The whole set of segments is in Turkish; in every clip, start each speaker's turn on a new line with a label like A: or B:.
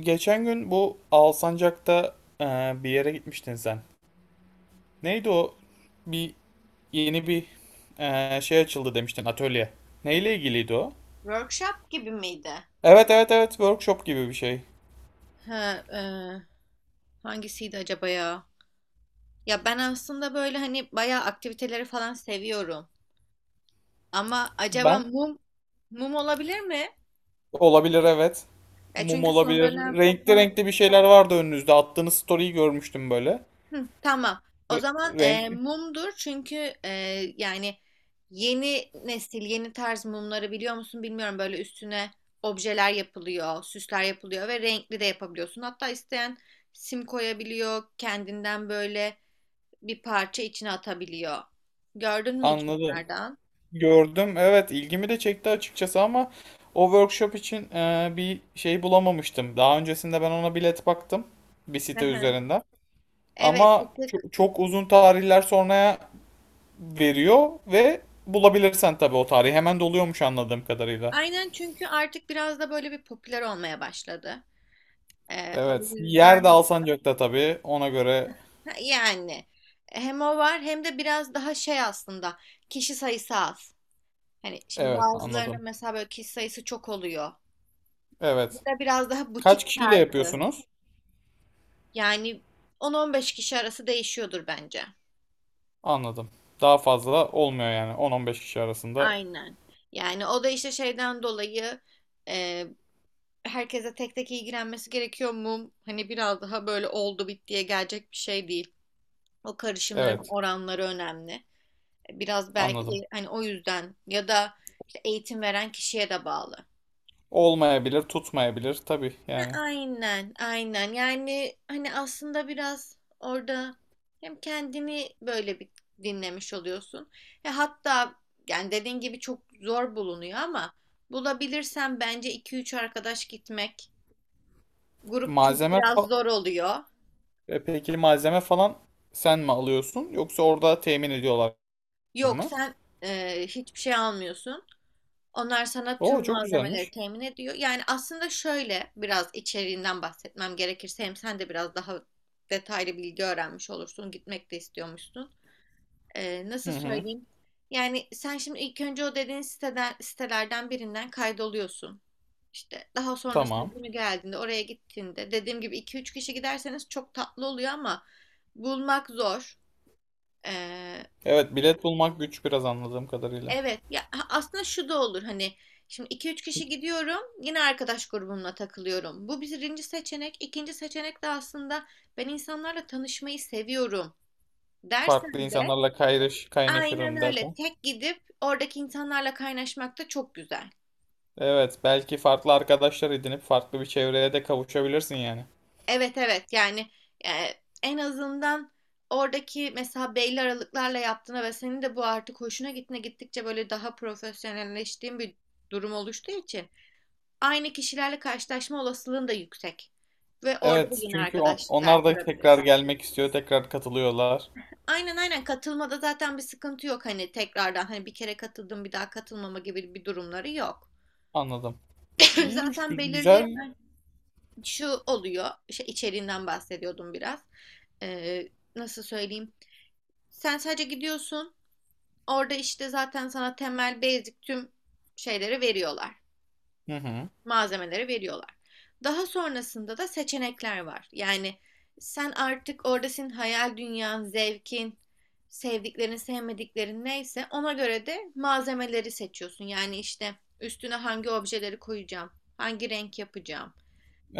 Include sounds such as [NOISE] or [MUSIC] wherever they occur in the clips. A: Geçen gün bu Alsancak'ta bir yere gitmiştin sen. Neydi o? Bir yeni bir şey açıldı demiştin, atölye. Neyle ilgiliydi o?
B: Workshop gibi miydi?
A: Evet, evet, evet, workshop gibi bir şey.
B: Ha, e, Hangisiydi acaba ya? Ya ben aslında böyle hani bayağı aktiviteleri falan seviyorum. Ama acaba
A: Ben
B: mum olabilir mi?
A: olabilir, evet.
B: Ya
A: Mum
B: çünkü son
A: olabilir.
B: dönem
A: Renkli
B: son
A: renkli bir şeyler vardı önünüzde. Attığınız story'yi görmüştüm böyle.
B: Hı, tamam. O
A: Re-
B: zaman
A: Renkli.
B: mumdur çünkü e, yani yeni nesil, yeni tarz mumları biliyor musun bilmiyorum. Böyle üstüne objeler yapılıyor, süsler yapılıyor ve renkli de yapabiliyorsun. Hatta isteyen sim koyabiliyor, kendinden böyle bir parça içine atabiliyor. Gördün mü hiç
A: Anladım.
B: onlardan?
A: Gördüm. Evet, ilgimi de çekti açıkçası ama o workshop için bir şey bulamamıştım. Daha öncesinde ben ona bilet baktım bir
B: Hı
A: site
B: hı.
A: üzerinden.
B: Evet, bir
A: Ama
B: tık.
A: çok uzun tarihler sonraya veriyor ve bulabilirsen tabii o tarihi, hemen doluyormuş anladığım kadarıyla.
B: Aynen çünkü artık biraz da böyle bir popüler olmaya başladı. E, o
A: Evet. Yer de
B: yüzden.
A: Alsancak'ta tabii. Ona göre,
B: Ha, yani hem o var hem de biraz daha şey aslında, kişi sayısı az. Hani şimdi
A: evet,
B: bazılarının
A: anladım.
B: mesela böyle kişi sayısı çok oluyor. Bu
A: Evet.
B: da biraz daha butik
A: Kaç kişiyle
B: tarzı.
A: yapıyorsunuz?
B: Yani 10-15 kişi arası değişiyordur bence.
A: Anladım. Daha fazla olmuyor yani, 10-15 kişi arasında.
B: Aynen. Yani o da işte şeyden dolayı, e, herkese tek tek ilgilenmesi gerekiyor mu? Hani biraz daha böyle oldu bittiye gelecek bir şey değil. O karışımların
A: Evet.
B: oranları önemli. Biraz
A: Anladım.
B: belki hani o yüzden ya da işte eğitim veren kişiye de bağlı.
A: Olmayabilir, tutmayabilir tabii
B: Ha,
A: yani.
B: aynen, aynen. Yani hani aslında biraz orada hem kendini böyle bir dinlemiş oluyorsun. E hatta yani dediğin gibi çok zor bulunuyor ama bulabilirsen bence iki üç arkadaş gitmek. Grup çünkü
A: Malzeme
B: biraz
A: fa-
B: zor oluyor.
A: peki, malzeme falan sen mi alıyorsun, yoksa orada temin ediyorlar
B: Yok
A: mı?
B: sen hiçbir şey almıyorsun. Onlar sana
A: Oo,
B: tüm
A: çok
B: malzemeleri
A: güzelmiş.
B: temin ediyor. Yani aslında şöyle biraz içeriğinden bahsetmem gerekirse hem sen de biraz daha detaylı bilgi öğrenmiş olursun. Gitmek de istiyormuşsun.
A: Hı
B: Nasıl
A: hı.
B: söyleyeyim? Yani sen şimdi ilk önce o dediğin siteden, sitelerden birinden kaydoluyorsun. İşte daha sonrasında
A: Tamam.
B: günü geldiğinde oraya gittiğinde dediğim gibi iki üç kişi giderseniz çok tatlı oluyor ama bulmak zor.
A: Evet, bilet bulmak güç biraz anladığım kadarıyla.
B: Evet ya, aslında şu da olur hani şimdi iki üç kişi gidiyorum, yine arkadaş grubumla takılıyorum. Bu birinci seçenek. İkinci seçenek de aslında ben insanlarla tanışmayı seviyorum
A: Farklı
B: dersen de
A: insanlarla
B: aynen
A: kaynaşırım
B: öyle
A: dersen.
B: tek gidip oradaki insanlarla kaynaşmak da çok güzel.
A: Evet, belki farklı arkadaşlar edinip farklı bir çevreye de kavuşabilirsin yani.
B: Evet evet yani, e, en azından oradaki mesela belli aralıklarla yaptığına ve senin de bu artık hoşuna gittiğine, gittikçe böyle daha profesyonelleştiğin bir durum oluştuğu için aynı kişilerle karşılaşma olasılığın da yüksek. Ve orada da
A: Evet,
B: yine
A: çünkü
B: arkadaşlıklar
A: onlar da tekrar
B: kurabilirsin.
A: gelmek istiyor, tekrar katılıyorlar.
B: Aynen aynen, katılmada zaten bir sıkıntı yok, hani tekrardan hani bir kere katıldım bir daha katılmama gibi bir durumları yok.
A: Anladım.
B: [CLEARS THROAT] [LAUGHS]
A: İyiymiş,
B: Zaten belirli
A: güzel.
B: şu oluyor, işte içeriğinden bahsediyordum biraz. Ee, Nasıl söyleyeyim? Sen sadece gidiyorsun, orada işte zaten sana temel basic tüm şeyleri veriyorlar,
A: Hı hı.
B: malzemeleri veriyorlar. Daha sonrasında da seçenekler var. Yani sen artık orada, senin hayal dünyan, zevkin, sevdiklerin, sevmediklerin neyse ona göre de malzemeleri seçiyorsun. Yani işte üstüne hangi objeleri koyacağım, hangi renk yapacağım,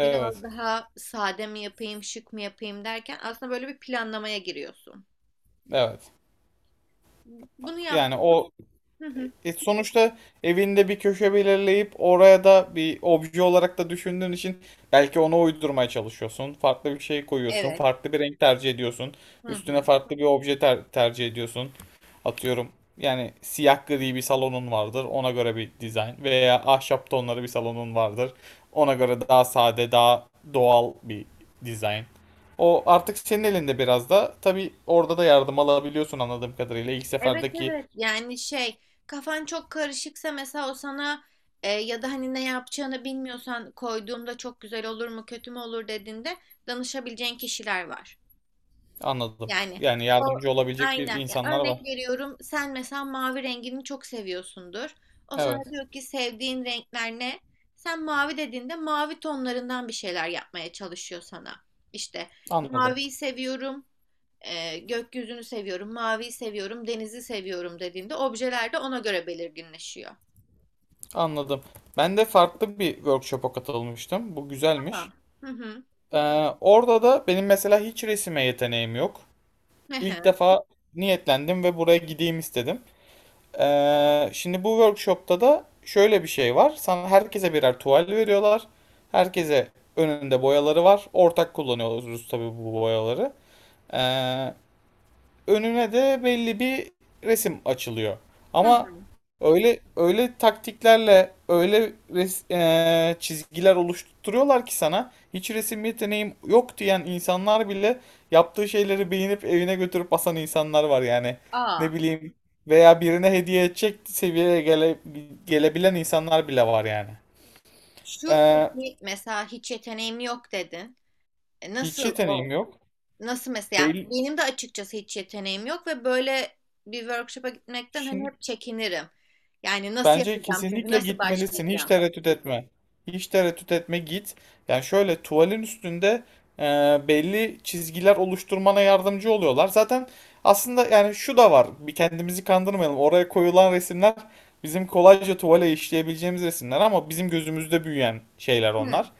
B: biraz daha sade mi yapayım, şık mı yapayım derken aslında böyle bir planlamaya giriyorsun.
A: Evet.
B: Bunu
A: Yani
B: yaptım.
A: o,
B: Hı hı.
A: sonuçta evinde bir köşe belirleyip oraya da bir obje olarak da düşündüğün için belki ona uydurmaya çalışıyorsun. Farklı bir şey koyuyorsun.
B: Evet.
A: Farklı bir renk tercih ediyorsun.
B: Hı
A: Üstüne
B: hı.
A: farklı bir obje tercih ediyorsun. Atıyorum, yani siyah gri bir salonun vardır. Ona göre bir dizayn, veya ahşap tonları bir salonun vardır. Ona göre daha sade, daha doğal bir dizayn. O artık senin elinde biraz da. Tabii orada da yardım alabiliyorsun anladığım kadarıyla. İlk
B: Evet
A: seferdeki.
B: evet yani şey, kafan çok karışıksa mesela o sana ya da hani ne yapacağını bilmiyorsan, koyduğumda çok güzel olur mu kötü mü olur dediğinde danışabileceğin kişiler var.
A: Anladım.
B: Yani
A: Yani
B: o,
A: yardımcı olabilecek bir
B: aynen ya,
A: insanlar var.
B: örnek veriyorum, sen mesela mavi rengini çok seviyorsundur. O sana
A: Evet.
B: diyor ki sevdiğin renkler ne? Sen mavi dediğinde mavi tonlarından bir şeyler yapmaya çalışıyor sana. İşte
A: Anladım.
B: maviyi seviyorum, gökyüzünü seviyorum, maviyi seviyorum, denizi seviyorum dediğinde objeler de ona göre belirginleşiyor.
A: Anladım. Ben de farklı bir workshop'a katılmıştım. Bu güzelmiş.
B: Aa. Hı hı.
A: Ee, orada da benim mesela hiç resime yeteneğim yok.
B: Hı
A: İlk
B: hı.
A: defa niyetlendim ve buraya gideyim istedim. Şimdi bu workshop'ta da şöyle bir şey var. Sana, herkese birer tuval veriyorlar. Herkese önünde boyaları var. Ortak kullanıyoruz tabii bu boyaları. Ee, önüne de belli bir resim açılıyor.
B: Hı
A: Ama
B: hı.
A: öyle öyle taktiklerle öyle çizgiler oluşturuyorlar ki, sana hiç resim yeteneğim yok diyen insanlar bile yaptığı şeyleri beğenip evine götürüp asan insanlar var yani.
B: Aa.
A: Ne bileyim, veya birine hediye edecek seviyeye gelebilen insanlar bile var yani.
B: Şu
A: Eee,
B: peki, mesela hiç yeteneğim yok dedin. E,
A: hiç
B: nasıl o?
A: yeteneğim yok.
B: Nasıl mesela?
A: Belli.
B: Benim de açıkçası hiç yeteneğim yok ve böyle bir workshop'a gitmekten hani
A: Şimdi,
B: hep çekinirim. Yani nasıl
A: bence
B: yapacağım, çünkü
A: kesinlikle
B: nasıl
A: gitmelisin. Hiç
B: başlayacağım?
A: tereddüt etme. Hiç tereddüt etme, git. Yani şöyle, tuvalin üstünde e, belli çizgiler oluşturmana yardımcı oluyorlar. Zaten aslında yani şu da var. Bir, kendimizi kandırmayalım. Oraya koyulan resimler bizim kolayca tuvale işleyebileceğimiz resimler, ama bizim gözümüzde büyüyen şeyler
B: Hı
A: onlar.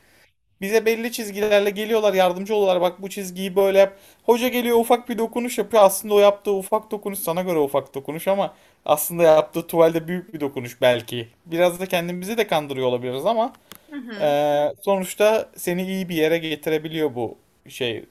A: Bize belli çizgilerle geliyorlar, yardımcı oluyorlar. Bak, bu çizgiyi böyle yap. Hoca geliyor, ufak bir dokunuş yapıyor. Aslında o yaptığı ufak dokunuş sana göre ufak dokunuş, ama aslında yaptığı tuvalde büyük bir dokunuş belki. Biraz da kendimizi de kandırıyor olabiliriz, ama
B: hı. Hı.
A: sonuçta seni iyi bir yere getirebiliyor bu şey.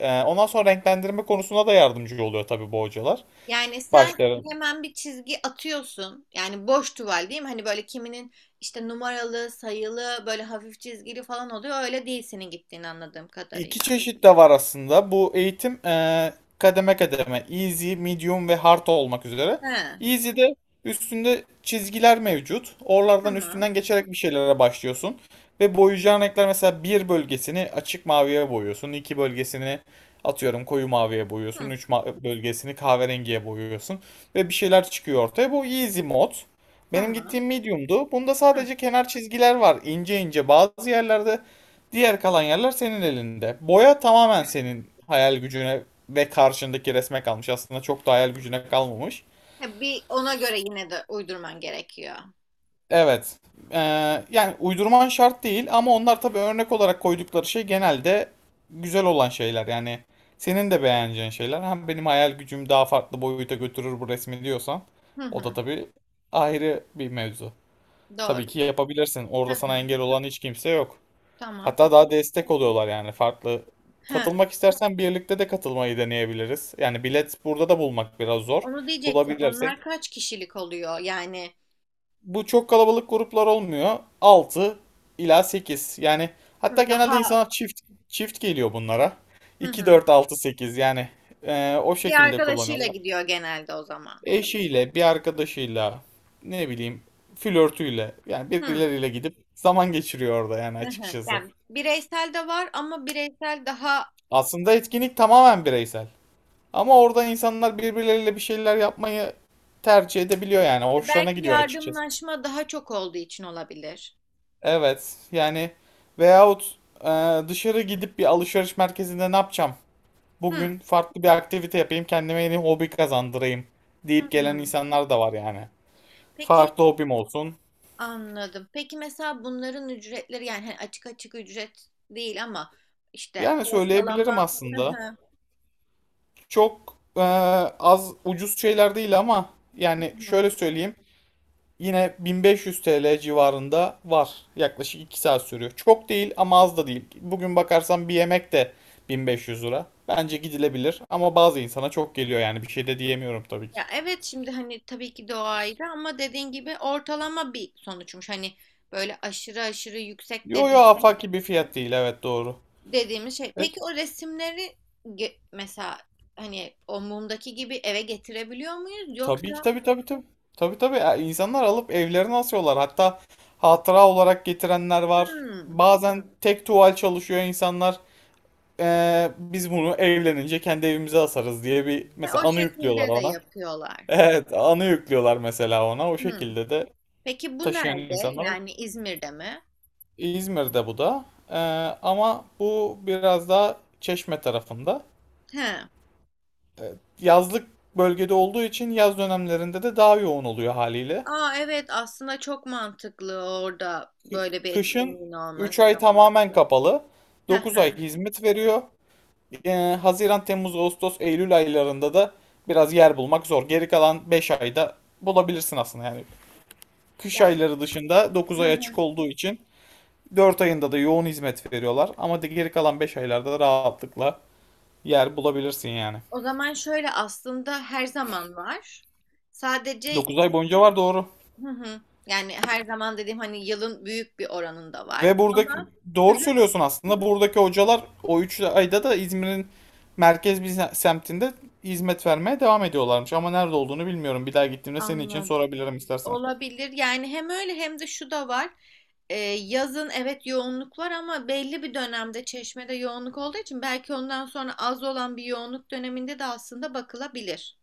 A: Ondan sonra renklendirme konusunda da yardımcı oluyor tabii bu hocalar.
B: Yani sen
A: Başları.
B: hemen bir çizgi atıyorsun. Yani boş tuval değil mi? Hani böyle kiminin işte numaralı, sayılı, böyle hafif çizgili falan oluyor. Öyle değil senin gittiğini anladığım
A: İki
B: kadarıyla.
A: çeşit de var aslında bu eğitim. Kademe kademe easy, medium ve hard olmak üzere.
B: He,
A: Easy'de üstünde çizgiler mevcut. Oralardan,
B: tamam.
A: üstünden geçerek bir şeylere başlıyorsun. Ve boyayacağın renkler, mesela bir bölgesini açık maviye boyuyorsun. İki bölgesini atıyorum koyu maviye
B: Hı,
A: boyuyorsun. Üç bölgesini kahverengiye boyuyorsun. Ve bir şeyler çıkıyor ortaya. Bu easy mod. Benim
B: tamam.
A: gittiğim medium'du. Bunda
B: Hı.
A: sadece kenar çizgiler var, İnce ince bazı yerlerde. Diğer kalan yerler senin elinde. Boya tamamen senin hayal gücüne ve karşındaki resme kalmış. Aslında çok da hayal gücüne kalmamış.
B: Ha, bir ona göre yine de uydurman gerekiyor.
A: Evet. Ee, yani uydurman şart değil, ama onlar tabii örnek olarak koydukları şey genelde güzel olan şeyler. Yani senin de beğeneceğin şeyler. Hem, benim hayal gücüm daha farklı boyuta götürür bu resmi diyorsan,
B: Hı
A: o da
B: hı,
A: tabii ayrı bir mevzu.
B: doğru.
A: Tabii ki yapabilirsin.
B: Hı
A: Orada sana
B: hı,
A: engel olan hiç kimse yok.
B: tamam.
A: Hatta daha
B: Peki.
A: destek oluyorlar yani, farklı.
B: He,
A: Katılmak istersen, birlikte de katılmayı deneyebiliriz. Yani bilet burada da bulmak biraz zor.
B: onu diyecektim.
A: Bulabilirsek.
B: Onlar kaç kişilik oluyor? Yani
A: Bu, çok kalabalık gruplar olmuyor. Altı ila sekiz. Yani hatta
B: hı,
A: genelde
B: daha
A: insanlar çift çift geliyor bunlara.
B: hı
A: İki
B: hı.
A: dört, altı, 8 yani, o
B: Bir
A: şekilde
B: arkadaşıyla
A: kullanıyorlar.
B: gidiyor genelde o zaman.
A: Eşiyle, bir arkadaşıyla, ne bileyim, flörtüyle, yani
B: Hı.
A: birileriyle gidip zaman geçiriyor orada yani,
B: [LAUGHS] Hı hı.
A: açıkçası.
B: Yani bireysel de var ama bireysel daha,
A: Aslında etkinlik tamamen bireysel. Ama orada insanlar birbirleriyle bir şeyler yapmayı tercih edebiliyor yani. Hoşlarına
B: belki
A: gidiyor açıkçası.
B: yardımlaşma daha çok olduğu için olabilir.
A: Evet yani, veyahut dışarı gidip bir alışveriş merkezinde ne yapacağım?
B: Hı.
A: Bugün farklı bir aktivite yapayım, kendime yeni hobi kazandırayım
B: Hı
A: deyip gelen
B: hı.
A: insanlar da var yani.
B: Peki
A: Farklı hobim olsun.
B: anladım. Peki mesela bunların ücretleri, yani hani açık açık ücret değil ama işte
A: Yani
B: ortalama.
A: söyleyebilirim
B: [LAUGHS] Hı
A: aslında.
B: hı.
A: Çok az ucuz şeyler değil ama,
B: Hı
A: yani
B: hı.
A: şöyle söyleyeyim. Yine 1500 TL civarında var. Yaklaşık 2 saat sürüyor. Çok değil ama az da değil. Bugün bakarsan bir yemek de 1500 lira. Bence gidilebilir, ama bazı insana çok geliyor yani, bir şey de diyemiyorum tabii ki.
B: Ya evet, şimdi hani tabii ki de o ayrı ama dediğin gibi ortalama bir sonuçmuş. Hani böyle aşırı aşırı yüksek
A: Yo
B: de
A: yo,
B: değil
A: afaki bir fiyat değil, evet, doğru.
B: dediğimiz şey.
A: Evet.
B: Peki o resimleri mesela hani o mumdaki gibi eve getirebiliyor muyuz?
A: Tabii ki,
B: Yoksa
A: tabii, tabii, tabii. Tabii, tabii. Ya, insanlar alıp evlerine asıyorlar. Hatta hatıra olarak getirenler var.
B: hmm,
A: Bazen tek tuval çalışıyor insanlar. Biz bunu evlenince kendi evimize asarız diye bir
B: he,
A: mesela
B: o
A: anı yüklüyorlar
B: şekilde de
A: ona.
B: yapıyorlar.
A: Evet, anı yüklüyorlar mesela ona. O
B: Hmm.
A: şekilde de
B: Peki bu
A: taşıyan
B: nerede?
A: insanlar var.
B: Yani İzmir'de mi?
A: İzmir'de bu da. Ee, ama bu biraz daha Çeşme tarafında.
B: He.
A: Ee, yazlık bölgede olduğu için yaz dönemlerinde de daha yoğun oluyor haliyle.
B: Aa evet, aslında çok mantıklı orada
A: Kı-
B: böyle bir
A: Kışın
B: etkinliğin
A: 3
B: olması.
A: ay tamamen kapalı.
B: Hı
A: 9 ay
B: hı.
A: hizmet veriyor. Ee, Haziran, Temmuz, Ağustos, Eylül aylarında da biraz yer bulmak zor. Geri kalan 5 ayda bulabilirsin aslında yani. Kış
B: Yani
A: ayları dışında dokuz
B: hı
A: ay
B: hı,
A: açık olduğu için, 4 ayında da yoğun hizmet veriyorlar ama geri kalan 5 aylarda da rahatlıkla yer bulabilirsin yani.
B: o zaman şöyle aslında her zaman var. Sadece
A: 9 ay boyunca var, doğru.
B: hı hı. Yani her zaman dediğim hani yılın büyük bir oranında var
A: Ve buradaki,
B: ama
A: doğru söylüyorsun aslında. Buradaki hocalar o 3 ayda da İzmir'in merkez bir semtinde hizmet vermeye devam ediyorlarmış. Ama nerede olduğunu bilmiyorum. Bir daha gittiğimde senin için
B: anladım.
A: sorabilirim istersen.
B: Olabilir. Yani hem öyle hem de şu da var. Yazın evet yoğunluk var ama belli bir dönemde Çeşme'de yoğunluk olduğu için belki ondan sonra az olan bir yoğunluk döneminde de aslında bakılabilir.